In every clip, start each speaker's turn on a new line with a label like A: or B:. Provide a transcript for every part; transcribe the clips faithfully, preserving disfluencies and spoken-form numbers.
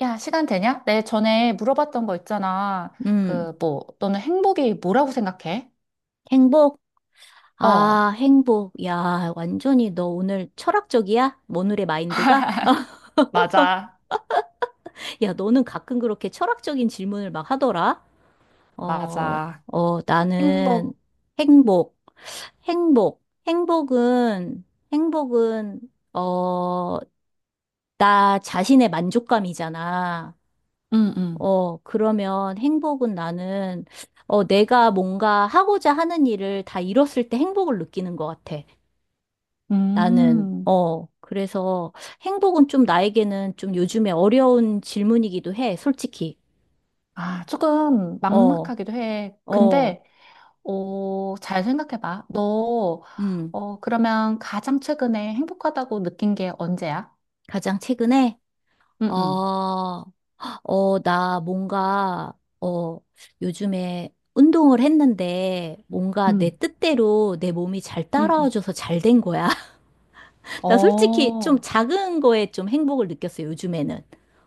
A: 야, 시간 되냐? 내 전에 물어봤던 거 있잖아.
B: 음,
A: 그, 뭐, 너는 행복이 뭐라고 생각해?
B: 행복?
A: 어,
B: 아, 행복. 야, 완전히 너 오늘 철학적이야? 오늘의 마인드가?
A: 맞아,
B: 야, 너는 가끔 그렇게 철학적인 질문을 막 하더라? 어,
A: 맞아.
B: 어, 나는
A: 행복.
B: 행복, 행복, 행복은, 행복은, 어, 나 자신의 만족감이잖아.
A: 응, 응.
B: 어, 그러면 행복은 나는, 어, 내가 뭔가 하고자 하는 일을 다 이뤘을 때 행복을 느끼는 것 같아. 나는,
A: 음,
B: 어, 그래서 행복은 좀 나에게는 좀 요즘에 어려운 질문이기도 해, 솔직히.
A: 아, 조금
B: 어,
A: 막막하기도 해.
B: 어,
A: 근데, 어, 잘 생각해봐. 너,
B: 음,
A: 어, 그러면 가장 최근에 행복하다고 느낀 게 언제야?
B: 가장 최근에,
A: 응,
B: 어,
A: 응.
B: 어, 나 뭔가, 어, 요즘에 운동을 했는데 뭔가 내
A: 응,
B: 뜻대로 내 몸이 잘
A: 응, 응.
B: 따라와줘서 잘 된 거야. 나 솔직히 좀
A: 어.
B: 작은 거에 좀 행복을 느꼈어, 요즘에는.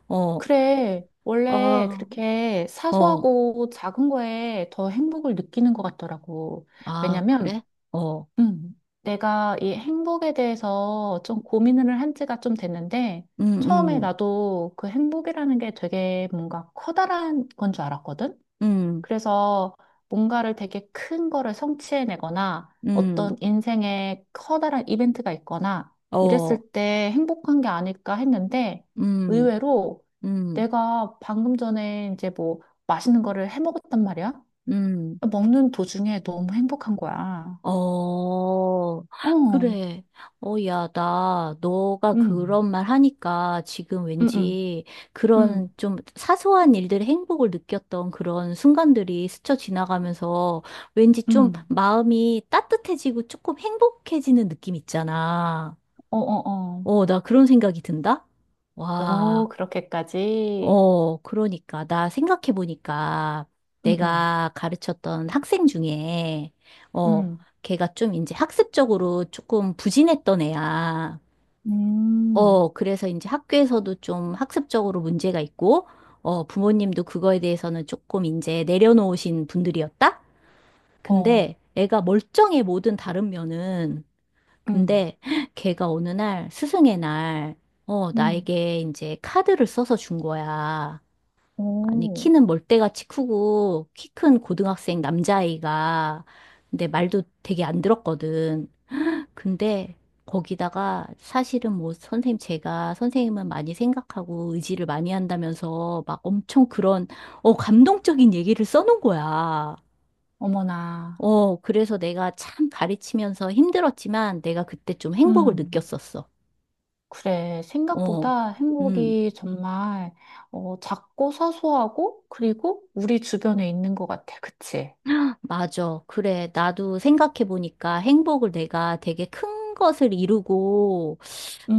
B: 어,
A: 그래. 원래
B: 어,
A: 그렇게
B: 어,
A: 사소하고 작은 거에 더 행복을 느끼는 것 같더라고.
B: 아, 그래?
A: 왜냐면,
B: 어,
A: 음, 내가 이 행복에 대해서 좀 고민을 한 지가 좀 됐는데,
B: 음,
A: 처음에
B: 음,
A: 나도 그 행복이라는 게 되게 뭔가 커다란 건 줄 알았거든?
B: 음.
A: 그래서 뭔가를 되게 큰 거를 성취해내거나
B: 음,
A: 어떤 인생에 커다란 이벤트가 있거나
B: 어,
A: 이랬을 때 행복한 게 아닐까 했는데
B: 음,
A: 의외로
B: 음,
A: 내가 방금 전에 이제 뭐 맛있는 거를 해 먹었단 말이야.
B: 음,
A: 먹는 도중에 너무 행복한 거야.
B: 어,
A: 어, 음,
B: 그래. 어, 야, 나, 너가
A: 음,
B: 그런 말 하니까 지금
A: 음,
B: 왠지 그런
A: 음,
B: 좀 사소한 일들의 행복을 느꼈던 그런 순간들이 스쳐 지나가면서 왠지 좀
A: 음,
B: 마음이 따뜻해지고 조금 행복해지는 느낌 있잖아.
A: 어, 어, 어.
B: 어, 나 그런 생각이 든다?
A: 오,
B: 와.
A: 그렇게까지.
B: 어, 그러니까. 나 생각해보니까
A: 음, 음,
B: 내가 가르쳤던 학생 중에, 어,
A: 음,
B: 걔가 좀 이제 학습적으로 조금 부진했던 애야.
A: 음,
B: 어, 그래서 이제 학교에서도 좀 학습적으로 문제가 있고, 어, 부모님도 그거에 대해서는 조금 이제 내려놓으신 분들이었다?
A: 어,
B: 근데 애가 멀쩡해 모든 다른 면은.
A: 음.
B: 근데 걔가 어느 날, 스승의 날, 어,
A: 음.
B: 나에게 이제 카드를 써서 준 거야. 아니,
A: 오,
B: 키는 멀대같이 크고, 키 큰 고등학생 남자아이가, 근데 말도 되게 안 들었거든. 근데 거기다가 사실은 뭐 선생님, 제가 선생님은 많이 생각하고 의지를 많이 한다면서 막 엄청 그런, 어, 감동적인 얘기를 써놓은 거야.
A: 어머나.
B: 어, 그래서 내가 참 가르치면서 힘들었지만 내가 그때 좀 행복을
A: 음,
B: 느꼈었어.
A: 그래.
B: 어,
A: 생각보다
B: 음.
A: 행복이 정말 어, 작고 사소하고 그리고 우리 주변에 있는 것 같아. 그치?
B: 맞아. 그래. 나도 생각해보니까 행복을 내가 되게 큰 것을 이루고,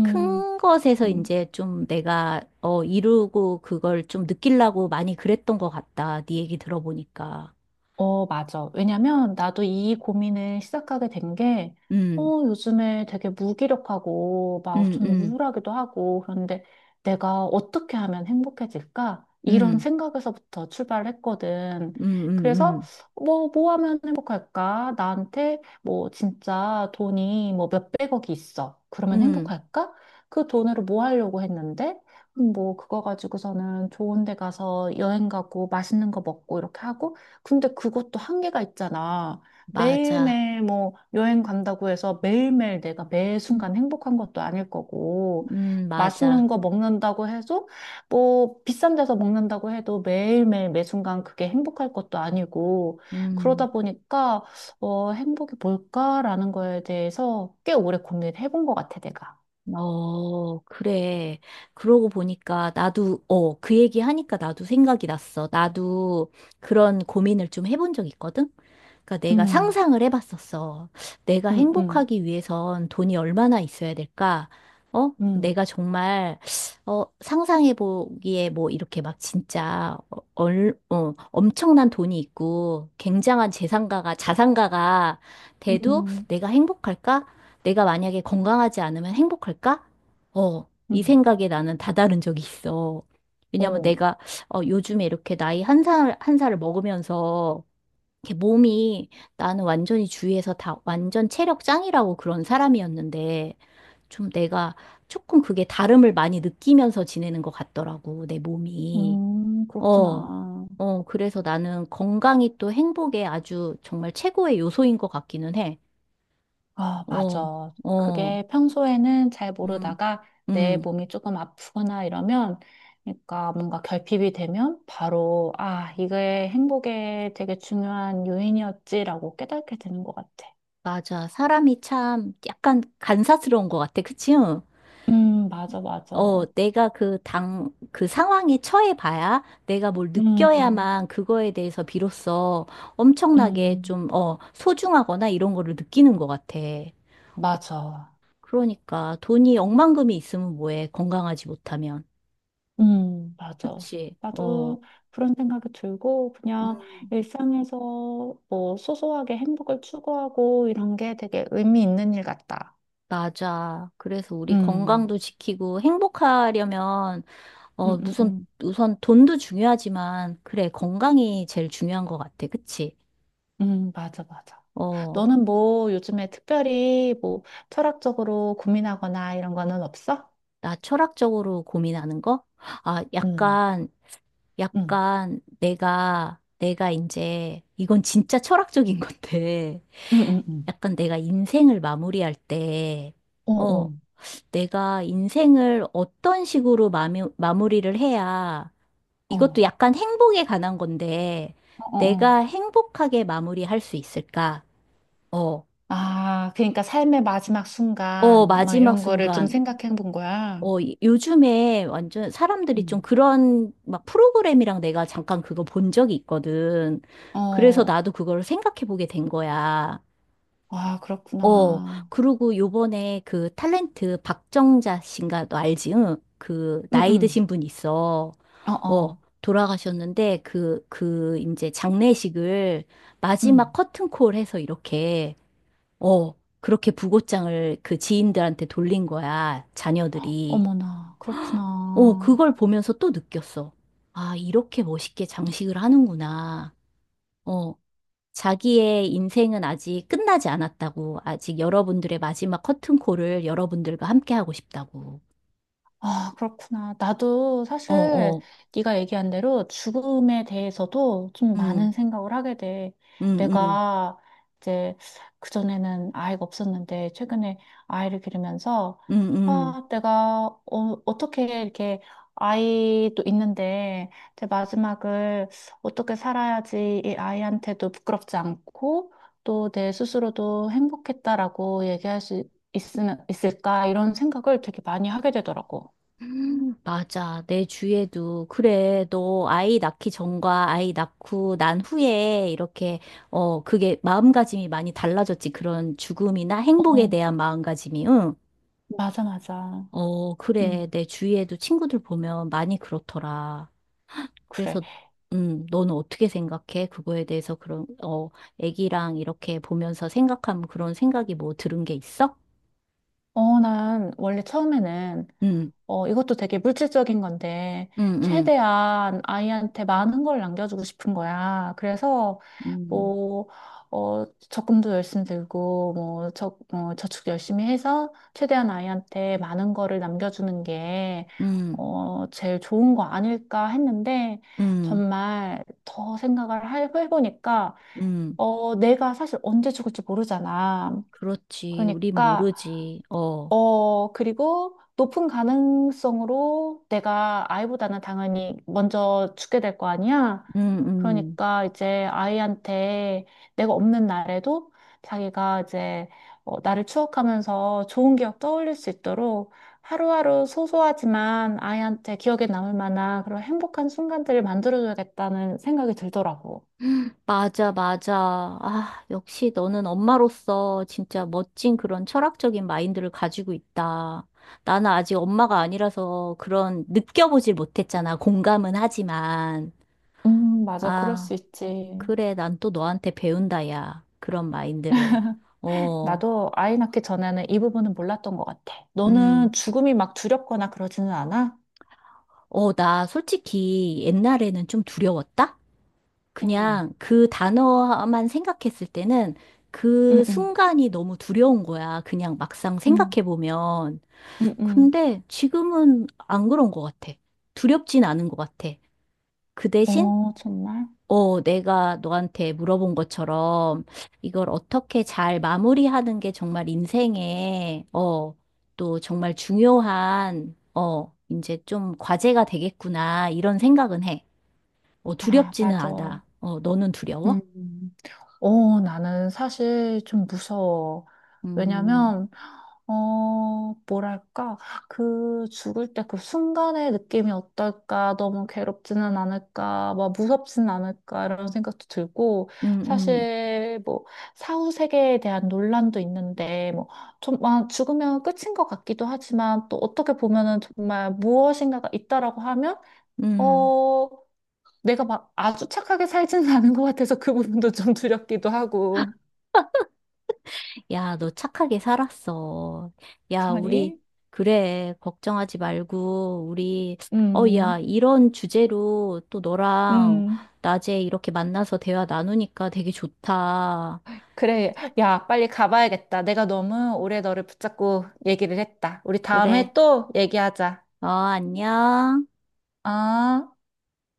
B: 큰 것에서
A: 음,
B: 이제 좀 내가, 어, 이루고 그걸 좀 느끼려고 많이 그랬던 것 같다. 네 얘기 들어보니까.
A: 어, 맞아. 왜냐면 나도 이 고민을 시작하게 된 게,
B: 음,
A: 어, 요즘에 되게 무기력하고 막
B: 음,
A: 좀
B: 음,
A: 우울하기도 하고, 그런데 내가 어떻게 하면 행복해질까? 이런
B: 음,
A: 생각에서부터 출발했거든.
B: 음, 음,
A: 그래서
B: 음,
A: 뭐, 뭐 하면 행복할까? 나한테 뭐 진짜 돈이 뭐 몇백억이 있어. 그러면
B: 음,
A: 행복할까? 그 돈으로 뭐 하려고 했는데, 음, 뭐 그거 가지고서는 좋은 데 가서 여행 가고 맛있는 거 먹고 이렇게 하고, 근데 그것도 한계가 있잖아.
B: 맞아.
A: 매일매일 뭐 여행 간다고 해서 매일매일 내가 매 순간 행복한 것도 아닐 거고,
B: 음,
A: 맛있는
B: 맞아.
A: 거 먹는다고 해도 뭐 비싼 데서 먹는다고 해도 매일매일 매 순간 그게 행복할 것도 아니고,
B: 음.
A: 그러다 보니까, 어, 행복이 뭘까라는 거에 대해서 꽤 오래 고민을 해본 것 같아, 내가.
B: 어, 그래. 그러고 보니까 나도, 어, 그 얘기 하니까 나도 생각이 났어. 나도 그런 고민을 좀 해본 적 있거든? 그러니까 내가
A: 음,
B: 상상을 해봤었어. 내가
A: 음, 음,
B: 행복하기 위해선 돈이 얼마나 있어야 될까? 어?
A: 음,
B: 내가 정말, 어, 상상해보기에 뭐 이렇게 막 진짜, 어, 얼, 어, 엄청난 돈이 있고, 굉장한 재산가가, 자산가가 돼도
A: 음,
B: 내가 행복할까? 내가 만약에 건강하지 않으면 행복할까? 어, 이
A: 음,
B: 생각에 나는 다다른 적이 있어. 왜냐면
A: 어,
B: 내가, 어, 요즘에 이렇게 나이 한 살, 한 살을 먹으면서 이렇게 몸이 나는 완전히 주위에서 다 완전 체력 짱이라고 그런 사람이었는데 좀 내가 조금 그게 다름을 많이 느끼면서 지내는 것 같더라고, 내 몸이.
A: 음,
B: 어,
A: 그렇구나.
B: 어, 그래서 나는 건강이 또 행복의 아주 정말 최고의 요소인 것 같기는 해.
A: 아,
B: 어,
A: 맞아.
B: 어,
A: 그게 평소에는 잘
B: 음,
A: 모르다가 내
B: 음,
A: 몸이 조금 아프거나 이러면, 그러니까 뭔가 결핍이 되면 바로, 아, 이게 행복에 되게 중요한 요인이었지라고 깨닫게 되는 것 같아.
B: 맞아. 사람이 참 약간 간사스러운 것 같아, 그치?
A: 음, 맞아, 맞아.
B: 어, 내가 그 당, 그 상황에 처해 봐야 내가 뭘
A: 음,
B: 느껴야만 그거에 대해서 비로소 엄청나게
A: 음,
B: 좀, 어, 소중하거나 이런 거를 느끼는 것 같아.
A: 맞아.
B: 그러니까 돈이 억만금이 있으면 뭐해, 건강하지 못하면.
A: 음, 맞아.
B: 그치? 어,
A: 나도 그런 생각이 들고, 그냥
B: 음,
A: 일상에서 뭐 소소하게 행복을 추구하고 이런 게 되게 의미 있는 일 같다.
B: 맞아. 그래서 우리
A: 음.
B: 건강도 지키고 행복하려면, 어,
A: 음, 음,
B: 무슨,
A: 음.
B: 우선 돈도 중요하지만, 그래, 건강이 제일 중요한 것 같아. 그치?
A: 음, 맞아, 맞아.
B: 어.
A: 너는 뭐 요즘에 특별히 뭐 철학적으로 고민하거나 이런 거는 없어?
B: 나 철학적으로 고민하는 거? 아,
A: 음,
B: 약간,
A: 음,
B: 약간 내가, 내가 이제, 이건 진짜 철학적인 건데,
A: 음, 음, 음.
B: 약간 내가 인생을 마무리할 때,
A: 어, 어,
B: 어, 내가 인생을 어떤 식으로 마무, 마무리를 해야, 이것도
A: 어,
B: 약간 행복에 관한 건데,
A: 어, 어. 어.
B: 내가 행복하게 마무리할 수 있을까? 어,
A: 아, 그러니까 삶의 마지막
B: 어,
A: 순간, 막
B: 마지막
A: 이런 거를 좀
B: 순간.
A: 생각해 본 거야.
B: 어, 이- 요즘에 완전 사람들이 좀
A: 음.
B: 그런 막 프로그램이랑 내가 잠깐 그거 본 적이 있거든. 그래서
A: 어,
B: 나도 그걸 생각해 보게 된 거야.
A: 아,
B: 어,
A: 그렇구나.
B: 그리고 요번에 그 탤런트 박정자 씨인가 너 알지? 응? 그 나이
A: 응응
B: 드신 분 있어.
A: 어,
B: 어,
A: 어.
B: 돌아가셨는데 그, 그 이제 장례식을
A: 응
B: 마지막 커튼콜 해서 이렇게, 어, 그렇게 부고장을 그 지인들한테 돌린 거야. 자녀들이.
A: 어머나,
B: 어,
A: 그렇구나.
B: 그걸 보면서 또 느꼈어. 아, 이렇게 멋있게 장식을 하는구나. 어, 자기의 인생은 아직 끝나지 않았다고. 아직 여러분들의 마지막 커튼콜을 여러분들과 함께 하고 싶다고.
A: 아, 그렇구나. 나도
B: 어,
A: 사실
B: 어,
A: 네가 얘기한 대로 죽음에 대해서도 좀
B: 응,
A: 많은 생각을 하게 돼.
B: 응, 응,
A: 내가 이제 그전에는 아이가 없었는데 최근에 아이를 기르면서
B: 응,
A: 아, 내가 어, 어떻게 이렇게 아이도 있는데 제 마지막을 어떻게 살아야지 이 아이한테도 부끄럽지 않고 또 내 스스로도 행복했다라고 얘기할 수 있으면 있을까 이런 생각을 되게 많이 하게 되더라고.
B: 응. 맞아. 내 주위에도, 그래, 너 아이 낳기 전과 아이 낳고 난 후에 이렇게, 어, 그게 마음가짐이 많이 달라졌지. 그런 죽음이나 행복에
A: 어,
B: 대한 마음가짐이, 응.
A: 맞아, 맞아.
B: 어, 그래.
A: 음
B: 내 주위에도 친구들 보면 많이 그렇더라.
A: 그래.
B: 그래서, 음, 너는 어떻게 생각해? 그거에 대해서 그런, 어, 애기랑 이렇게 보면서 생각하면 그런 생각이 뭐 들은 게 있어?
A: 어, 난 원래 처음에는,
B: 응,
A: 어, 이것도 되게 물질적인 건데,
B: 응, 응,
A: 최대한 아이한테 많은 걸 남겨주고 싶은 거야. 그래서,
B: 음,
A: 뭐, 어, 적금도 열심히 들고, 뭐, 저, 어, 저축 열심히 해서, 최대한 아이한테 많은 거를 남겨주는 게,
B: 응,
A: 어, 제일 좋은 거 아닐까 했는데,
B: 응,
A: 정말 더 생각을 해- 해보니까,
B: 응,
A: 어, 내가 사실 언제 죽을지 모르잖아.
B: 그렇지. 우린
A: 그러니까,
B: 모르지. 어,
A: 어, 그리고 높은 가능성으로 내가 아이보다는 당연히 먼저 죽게 될 거 아니야?
B: 응, 응.
A: 그러니까 이제 아이한테 내가 없는 날에도 자기가 이제 어, 나를 추억하면서 좋은 기억 떠올릴 수 있도록 하루하루 소소하지만 아이한테 기억에 남을 만한 그런 행복한 순간들을 만들어줘야겠다는 생각이 들더라고.
B: 맞아, 맞아. 아, 역시 너는 엄마로서 진짜 멋진 그런 철학적인 마인드를 가지고 있다. 나는 아직 엄마가 아니라서 그런 느껴보질 못했잖아. 공감은 하지만.
A: 음, 맞아. 그럴
B: 아,
A: 수 있지.
B: 그래. 난 또 너한테 배운다, 야. 그런 마인드를. 어,
A: 나도 아이 낳기 전에는 이 부분은 몰랐던 것 같아.
B: 음.
A: 너는 죽음이 막 두렵거나 그러지는 않아?
B: 어, 나 솔직히 옛날에는 좀 두려웠다?
A: 응.
B: 그냥 그 단어만 생각했을 때는 그
A: 응, 응,
B: 순간이 너무 두려운 거야. 그냥 막상
A: 응,
B: 생각해보면.
A: 응, 응.
B: 근데 지금은 안 그런 것 같아. 두렵진 않은 것 같아. 그 대신,
A: 어, 정말?
B: 어, 내가 너한테 물어본 것처럼 이걸 어떻게 잘 마무리하는 게 정말 인생에, 어, 또 정말 중요한, 어, 이제 좀 과제가 되겠구나, 이런 생각은 해. 어,
A: 아,
B: 두렵지는
A: 맞아.
B: 않아. 어, 너는
A: 음,
B: 두려워?
A: 어, 나는 사실 좀 무서워.
B: 음,
A: 왜냐면, 어, 뭐랄까, 그 죽을 때 그 순간의 느낌이 어떨까, 너무 괴롭지는 않을까, 막 무섭진 않을까, 이런 생각도 들고,
B: 음, 음,
A: 사실 뭐, 사후 세계에 대한 논란도 있는데, 뭐, 좀, 아, 죽으면 끝인 것 같기도 하지만, 또 어떻게 보면은 정말 무엇인가가 있다라고 하면,
B: 음.
A: 어, 내가 막 아주 착하게 살지는 않은 것 같아서 그 부분도 좀 두렵기도 하고.
B: 야, 너 착하게 살았어. 야, 우리,
A: 그러니,
B: 그래, 걱정하지 말고, 우리, 어, 야,
A: 음,
B: 이런 주제로 또 너랑
A: 음.
B: 낮에 이렇게 만나서 대화 나누니까 되게 좋다.
A: 그래. 야, 빨리 가봐야겠다. 내가 너무 오래 너를 붙잡고 얘기를 했다. 우리
B: 그래,
A: 다음에 또 얘기하자.
B: 어, 안녕.
A: 아.